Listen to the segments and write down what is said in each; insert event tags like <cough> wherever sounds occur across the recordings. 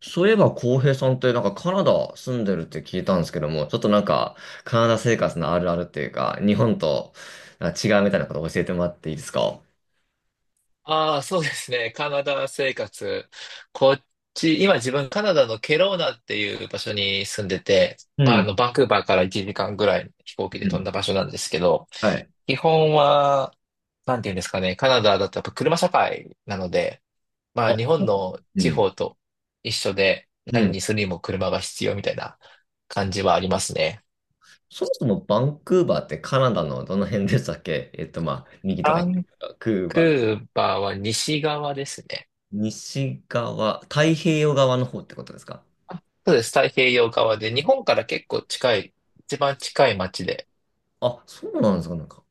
そういえば、浩平さんってなんかカナダ住んでるって聞いたんですけども、ちょっとなんかカナダ生活のあるあるっていうか、日本となんか違うみたいなこと教えてもらっていいですか？ああ、そうですね。カナダ生活。こっち、今自分カナダのケローナっていう場所に住んでて、うまあ、ん。バンクーバーから1時間ぐらい飛行機うで飛んんだ場所なんですけど、はい。基本は、なんていうんですかね、カナダだとやっぱ車社会なので、まあ、あ、日本のう地ん。方と一緒で、う何ん。にするにも車が必要みたいな感じはありますね。そもそもバンクーバーってカナダのどの辺でしたっけ？まあ、右とかバ左ンとか、クークバー。ーバーは西側ですね。西側、太平洋側の方ってことですか？あ、そうです。太平洋側で、日本から結構近い、一番近い町で、あ、そうなんですか、なんか。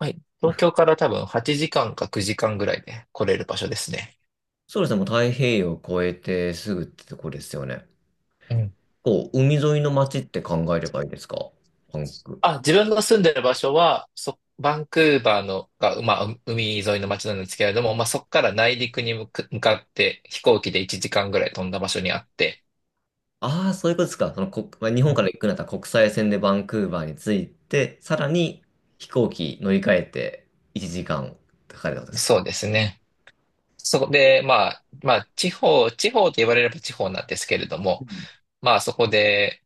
はい。東京から多分8時間か9時間ぐらいで来れる場所ですね。そうですね、もう太平洋を越えてすぐってとこですよね。うん。こう海沿いの街って考えればいいですか？バンク。あ、自分の住んでる場所は、バンクーバーのが、まあ、海沿いの町なんですけれども、まあ、そこから内陸に向かって飛行機で1時間ぐらい飛んだ場所にあって、ああ、そういうことですか。その国、まあ、日う本ん。から行くなら国際線でバンクーバーに着いて、さらに飛行機乗り換えて1時間かかるってことですか？そうですね。そこで、まあ、まあ、地方、地方と言われれば地方なんですけれどうも、ん。まあ、そこで、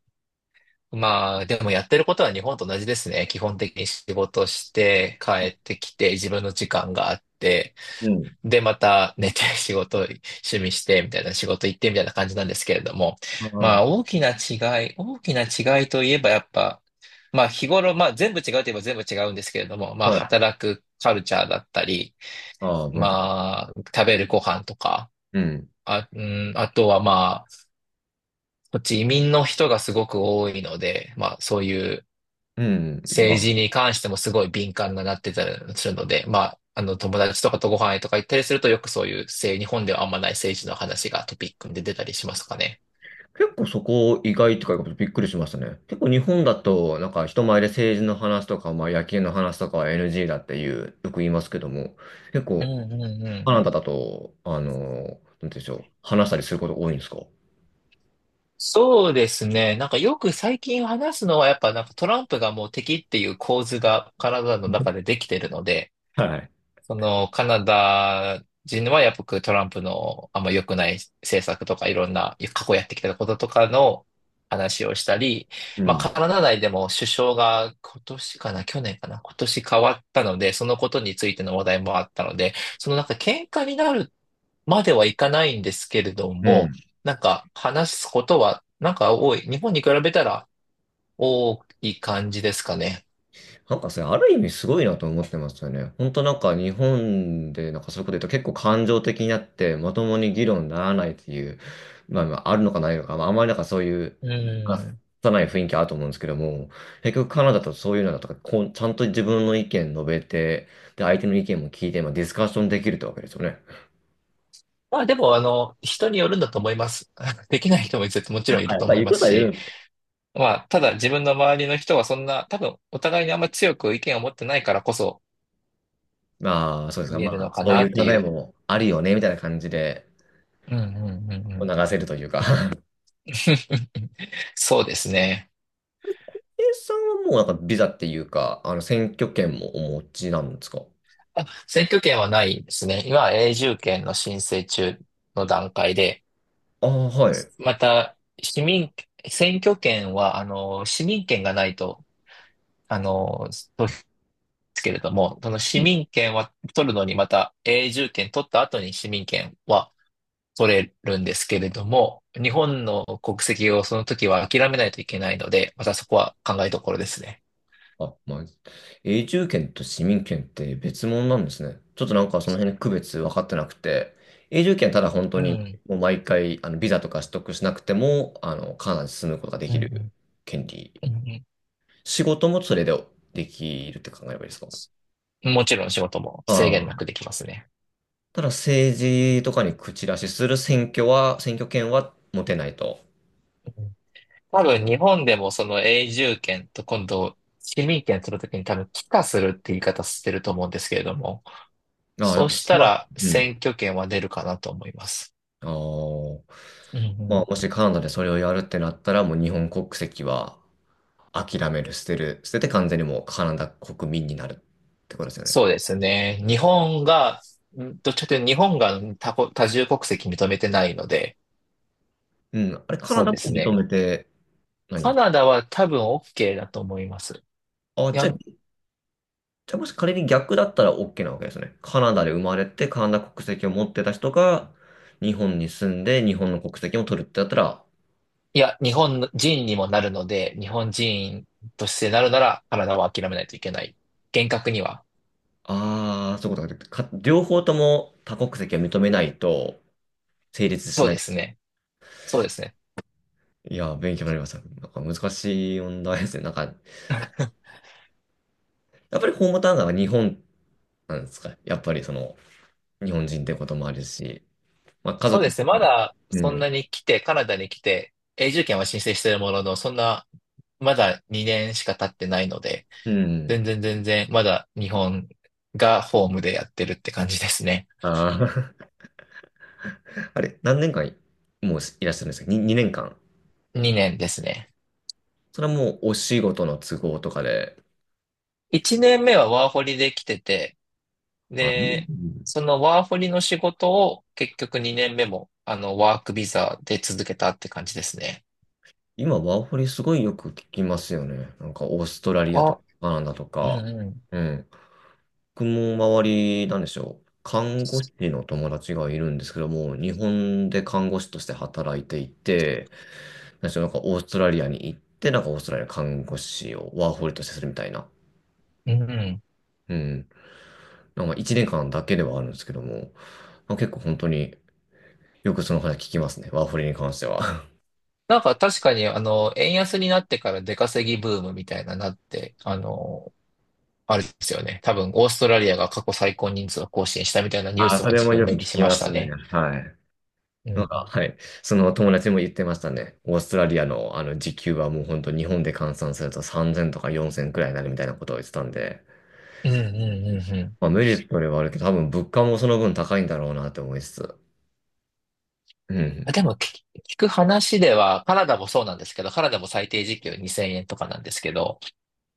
まあ、でもやってることは日本と同じですね。基本的に仕事して帰ってきて自分の時間があって、うんで、また寝て <laughs> 仕事、趣味してみたいな仕事行ってみたいな感じなんですけれども、まああ、大きな違いといえばやっぱ、まあ、日頃、まあ、全部違うといえば全部違うんですけれども、まあ、あ、はい。働くカルチャーだったり、ああ、文化。まあ、食べるご飯とか、うん。あ、うん、あとはまあ、こっち移民の人がすごく多いので、まあ、そういう、うん。ま政あ、治に関してもすごい敏感になってたりするので、まあ、友達とかとご飯へとか行ったりすると、よくそういう日本ではあんまない政治の話がトピックで出たりしますかね。結構そこ意外とかいうことびっくりしましたね。結構日本だと、なんか人前で政治の話とか、まあ野球の話とかは NG だっていう、よく言いますけども、結う構んうんうカん。ナダだと、なんて言うんでしょう、話したりすること多いんですか？そうですね。なんかよく最近話すのは、やっぱなんかトランプがもう敵っていう構図がカナダの中でできてるので、はい。その、カナダ人はやっぱりトランプのあんま良くない政策とかいろんな過去やってきたこととかの話をしたり、うまあん。カナダ内でも首相が今年かな、去年かな、今年変わったので、そのことについての話題もあったので、そのなんか喧嘩になるまではいかないんですけれどうも、ん。なんか話すことはなんか多い。日本に比べたら多い感じですかね。なんかそれ、ある意味すごいなと思ってますよね。本当なんか日本でなんかそういうこと言うと結構感情的になってまともに議論にならないっていう、まあ、まあ、あるのかないのか、まあ、あんまりなんかそういう、うまあん。さない雰囲気あると思うんですけども、結局カナダとそういうのだとか、こう、ちゃんと自分の意見述べて、で、相手の意見も聞いて、まあ、ディスカッションできるってわけですよね。まあでも、人によるんだと思います。<laughs> できない人も絶対もちろんいあ、るやっとぱ思い言うまこすとは言し、う。まあ、ただ自分の周りの人はそんな、多分お互いにあんま強く意見を持ってないからこそまあ、そうですか。言えまるあ、のかそうないうって考いえう。もあるよね、みたいな感じでうんうんうんうん。流せるというか。<laughs> <laughs> そうですね。A さんはもうなんかビザっていうか、選挙権もお持ちなんですか？あ、選挙権はないですね。今は永住権の申請中の段階で、ああ、はい。また、市民、選挙権は、市民権がないと、あの、投ですけれども、その市うん。民権は取るのにまた永住権取った後に市民権は取れるんですけれども、日本の国籍をその時は諦めないといけないので、またそこは考えどころですね。あ、まあ、永住権と市民権って別物なんですね。ちょっとなんかその辺の区別分かってなくて、永住権ただ本当うにん。もう毎回ビザとか取得しなくても、カナダに住むことがでうんきうるん権利。うんうん。仕事もそれでできるって考えればいいですか？もちろん仕事も制限なあ。くできますね。ただ政治とかに口出しする選挙は、選挙権は持てないと。うん。多分日本でもその永住権と今度市民権取るときに多分帰化するって言い方してると思うんですけれども、ああ、やそううっしたぱ、らう選ん。挙権は出るかなと思います。ああ。うんうまあ、ん。もしカナダでそれをやるってなったら、もう日本国籍は諦める、捨てて完全にもうカナダ国民になるってことですよね。そうですね。日本が、どっちかというと日本が多重国籍認めてないので、うん。あれ、カナそうダでもす認ね。めてないんでカすか？ナダは多分 OK だと思います。あ、いじゃや、あ、じゃあもし仮に逆だったら OK なわけですね。カナダで生まれてカナダ国籍を持ってた人が日本に住んで日本の国籍も取るってなったら。いや、日本人にもなるので、日本人としてなるならカナダは諦めないといけない。厳格には。ああ、そういうことか。両方とも多国籍を認めないと成立しそうなでい。すね。そうですね。いや、勉強になりました。なんか難しい問題ですね。なんか、やっぱりホームタウンが日本なんですか。やっぱりその、日本人ってこともあるし、まあ家そう族でも、すね。まあだうそんん、なに来て、カナダに来て、永住権は申請しているものの、そんな、まだ2年しか経ってないので、うん。全然全然、まだ日本がホームでやってるって感じですね。ああ、<laughs> あれ、何年間もういらっしゃるんですか？ 2、に二年間。2年ですね。それはもうお仕事の都合とかで。1年目はワーホリで来てて、あ、うで、ん。そのワーホリの仕事を結局2年目も、ワークビザで続けたって感じですね。今、ワーホリすごいよく聞きますよね。なんか、オーストラリアとあ、か、カナダとうんか。うん。うん。僕も周り、なんでしょう。看護師の友達がいるんですけども、日本で看護師として働いていて、なんでしょう、なんかオーストラリアに行って、なんかオーストラリアの看護師をワーホリとしてするみたいな。うんうん。うん。なんか1年間だけではあるんですけども、まあ、結構本当によくその話聞きますね。ワーホリに関しては。なんか確かに、円安になってから出稼ぎブームみたいななって、あれですよね。多分、オーストラリアが過去最高人数を更新したみたいな <laughs> ニュースあ、はそれ自も分よく目聞にしきまましたすね。ね。はい。うなんか、ん。はい。その友達も言ってましたね。オーストラリアのあの時給はもう本当日本で換算すると3000とか4000くらいになるみたいなことを言ってたんで。うんうんうんうん。まあ、メリットではあるけど、多分物価もその分高いんだろうなって思いつつ。うあ、ん。でも聞く話では、カナダもそうなんですけど、カナダも最低時給2000円とかなんですけど、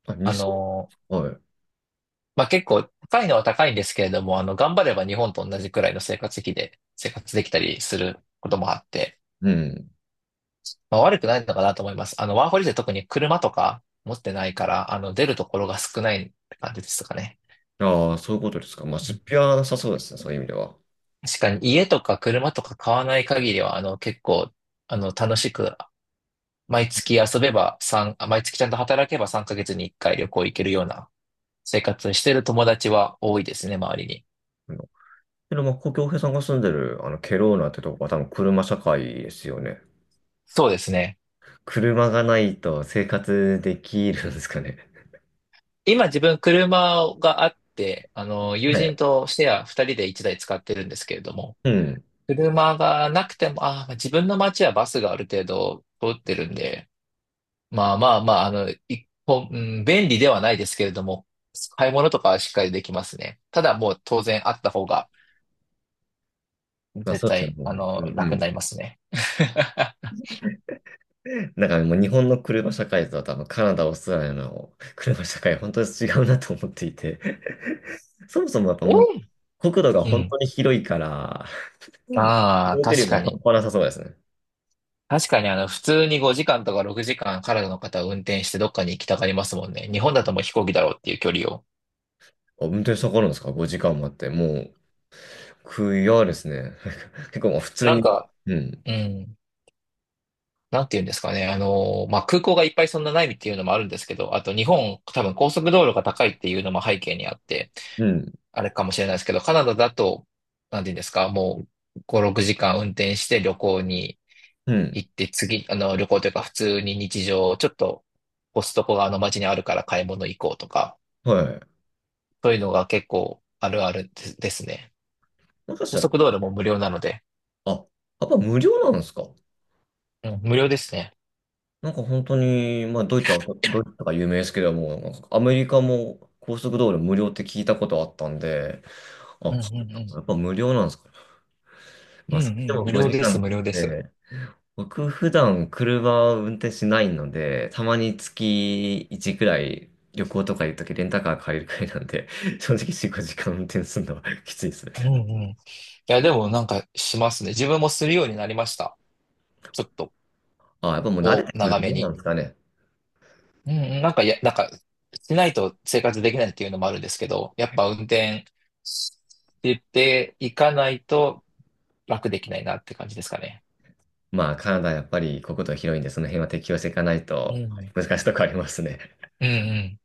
あ、あ 2000？ のーはい。まあ、結構高いのは高いんですけれども、頑張れば日本と同じくらいの生活費で生活できたりすることもあって、うん。まあ、悪くないのかなと思います。ワーホリで特に車とか持ってないから、出るところが少ないって感じですかね。ああ、そういうことですか。まあ、出費はなさそうですね、そういう意味では。確かに家とか車とか買わない限りは、結構、楽しく毎月遊べば三あ毎月ちゃんと働けば3ヶ月に1回旅行行けるような生活をしてる友達は多いですね、周りに。うん。けど、まあ、故郷平さんが住んでる、ケローナってとこは多分車社会ですよね。そうですね。車がないと生活できるんですかね。今自分車があって、友は人い。とシェア2人で1台使ってるんですけれども、うん。車がなくても、自分の街はバスがある程度通ってるんで、まあまあまあ、一本、うん便利ではないですけれども、買い物とかはしっかりできますね。ただもう当然あった方がまあ、絶そうですよね、対、もう本当に。う楽にん。なりますね。<laughs> なんかもう日本の車社会とは多分カナダ、オーストラリアの車社会、本当に違うなと思っていて。<laughs> そもそもやっぱもう、え国土がう本ん。当に広いから、うん。移ああ、動距離確もか半に。端なさそうですね。確かに、普通に5時間とか6時間カナダの方は運転してどっかに行きたがりますもんね。日本だともう飛行機だろうっていう距離を。あ、運転したかかるんですか？ 5 時間もあって、もう、悔やですね。<laughs> 結構もう普通なんに、か、うん、うん。なんて言うんですかね。まあ、空港がいっぱいそんなないっていうのもあるんですけど、あと日本、多分高速道路が高いっていうのも背景にあって、うん、あれかもしれないですけど、カナダだと、なんて言うんですか、もう5、6時間運転して旅行にうん、行って次、旅行というか普通に日常、ちょっとコストコがあの街にあるから買い物行こうとか、はい。そういうのが結構あるあるですね。もしかし高たら、速道路も無料なので、あ、やっぱ無料なんですか？うん、無料ですね。なんか本当に、まあドイツとか有名ですけども、なんかアメリカも高速道路無料って聞いたことあったんで、あ、うんうんうやん。っぱ無料なんですかね。うまんあうそれでん、も無料5で時す、間っ無料です。て僕普段車を運転しないので、たまに月1くらい旅行とか行くときレンタカー借りるくらいなんで、<laughs> 正直4、5時間運転するのは <laughs> きついですね。うんうん。いや、でもなんかしますね。自分もするようになりました。ちょっと、あ、やっぱもう慣れてくる長めもんなに。んですかね。うんうん、なんか、しないと生活できないっていうのもあるんですけど、やっぱ運転していかないと、楽できないなって感じですかね。まあカナダやっぱり国土広いんで、その辺は適応していかないうん。とうん難しいとこありますね。うん。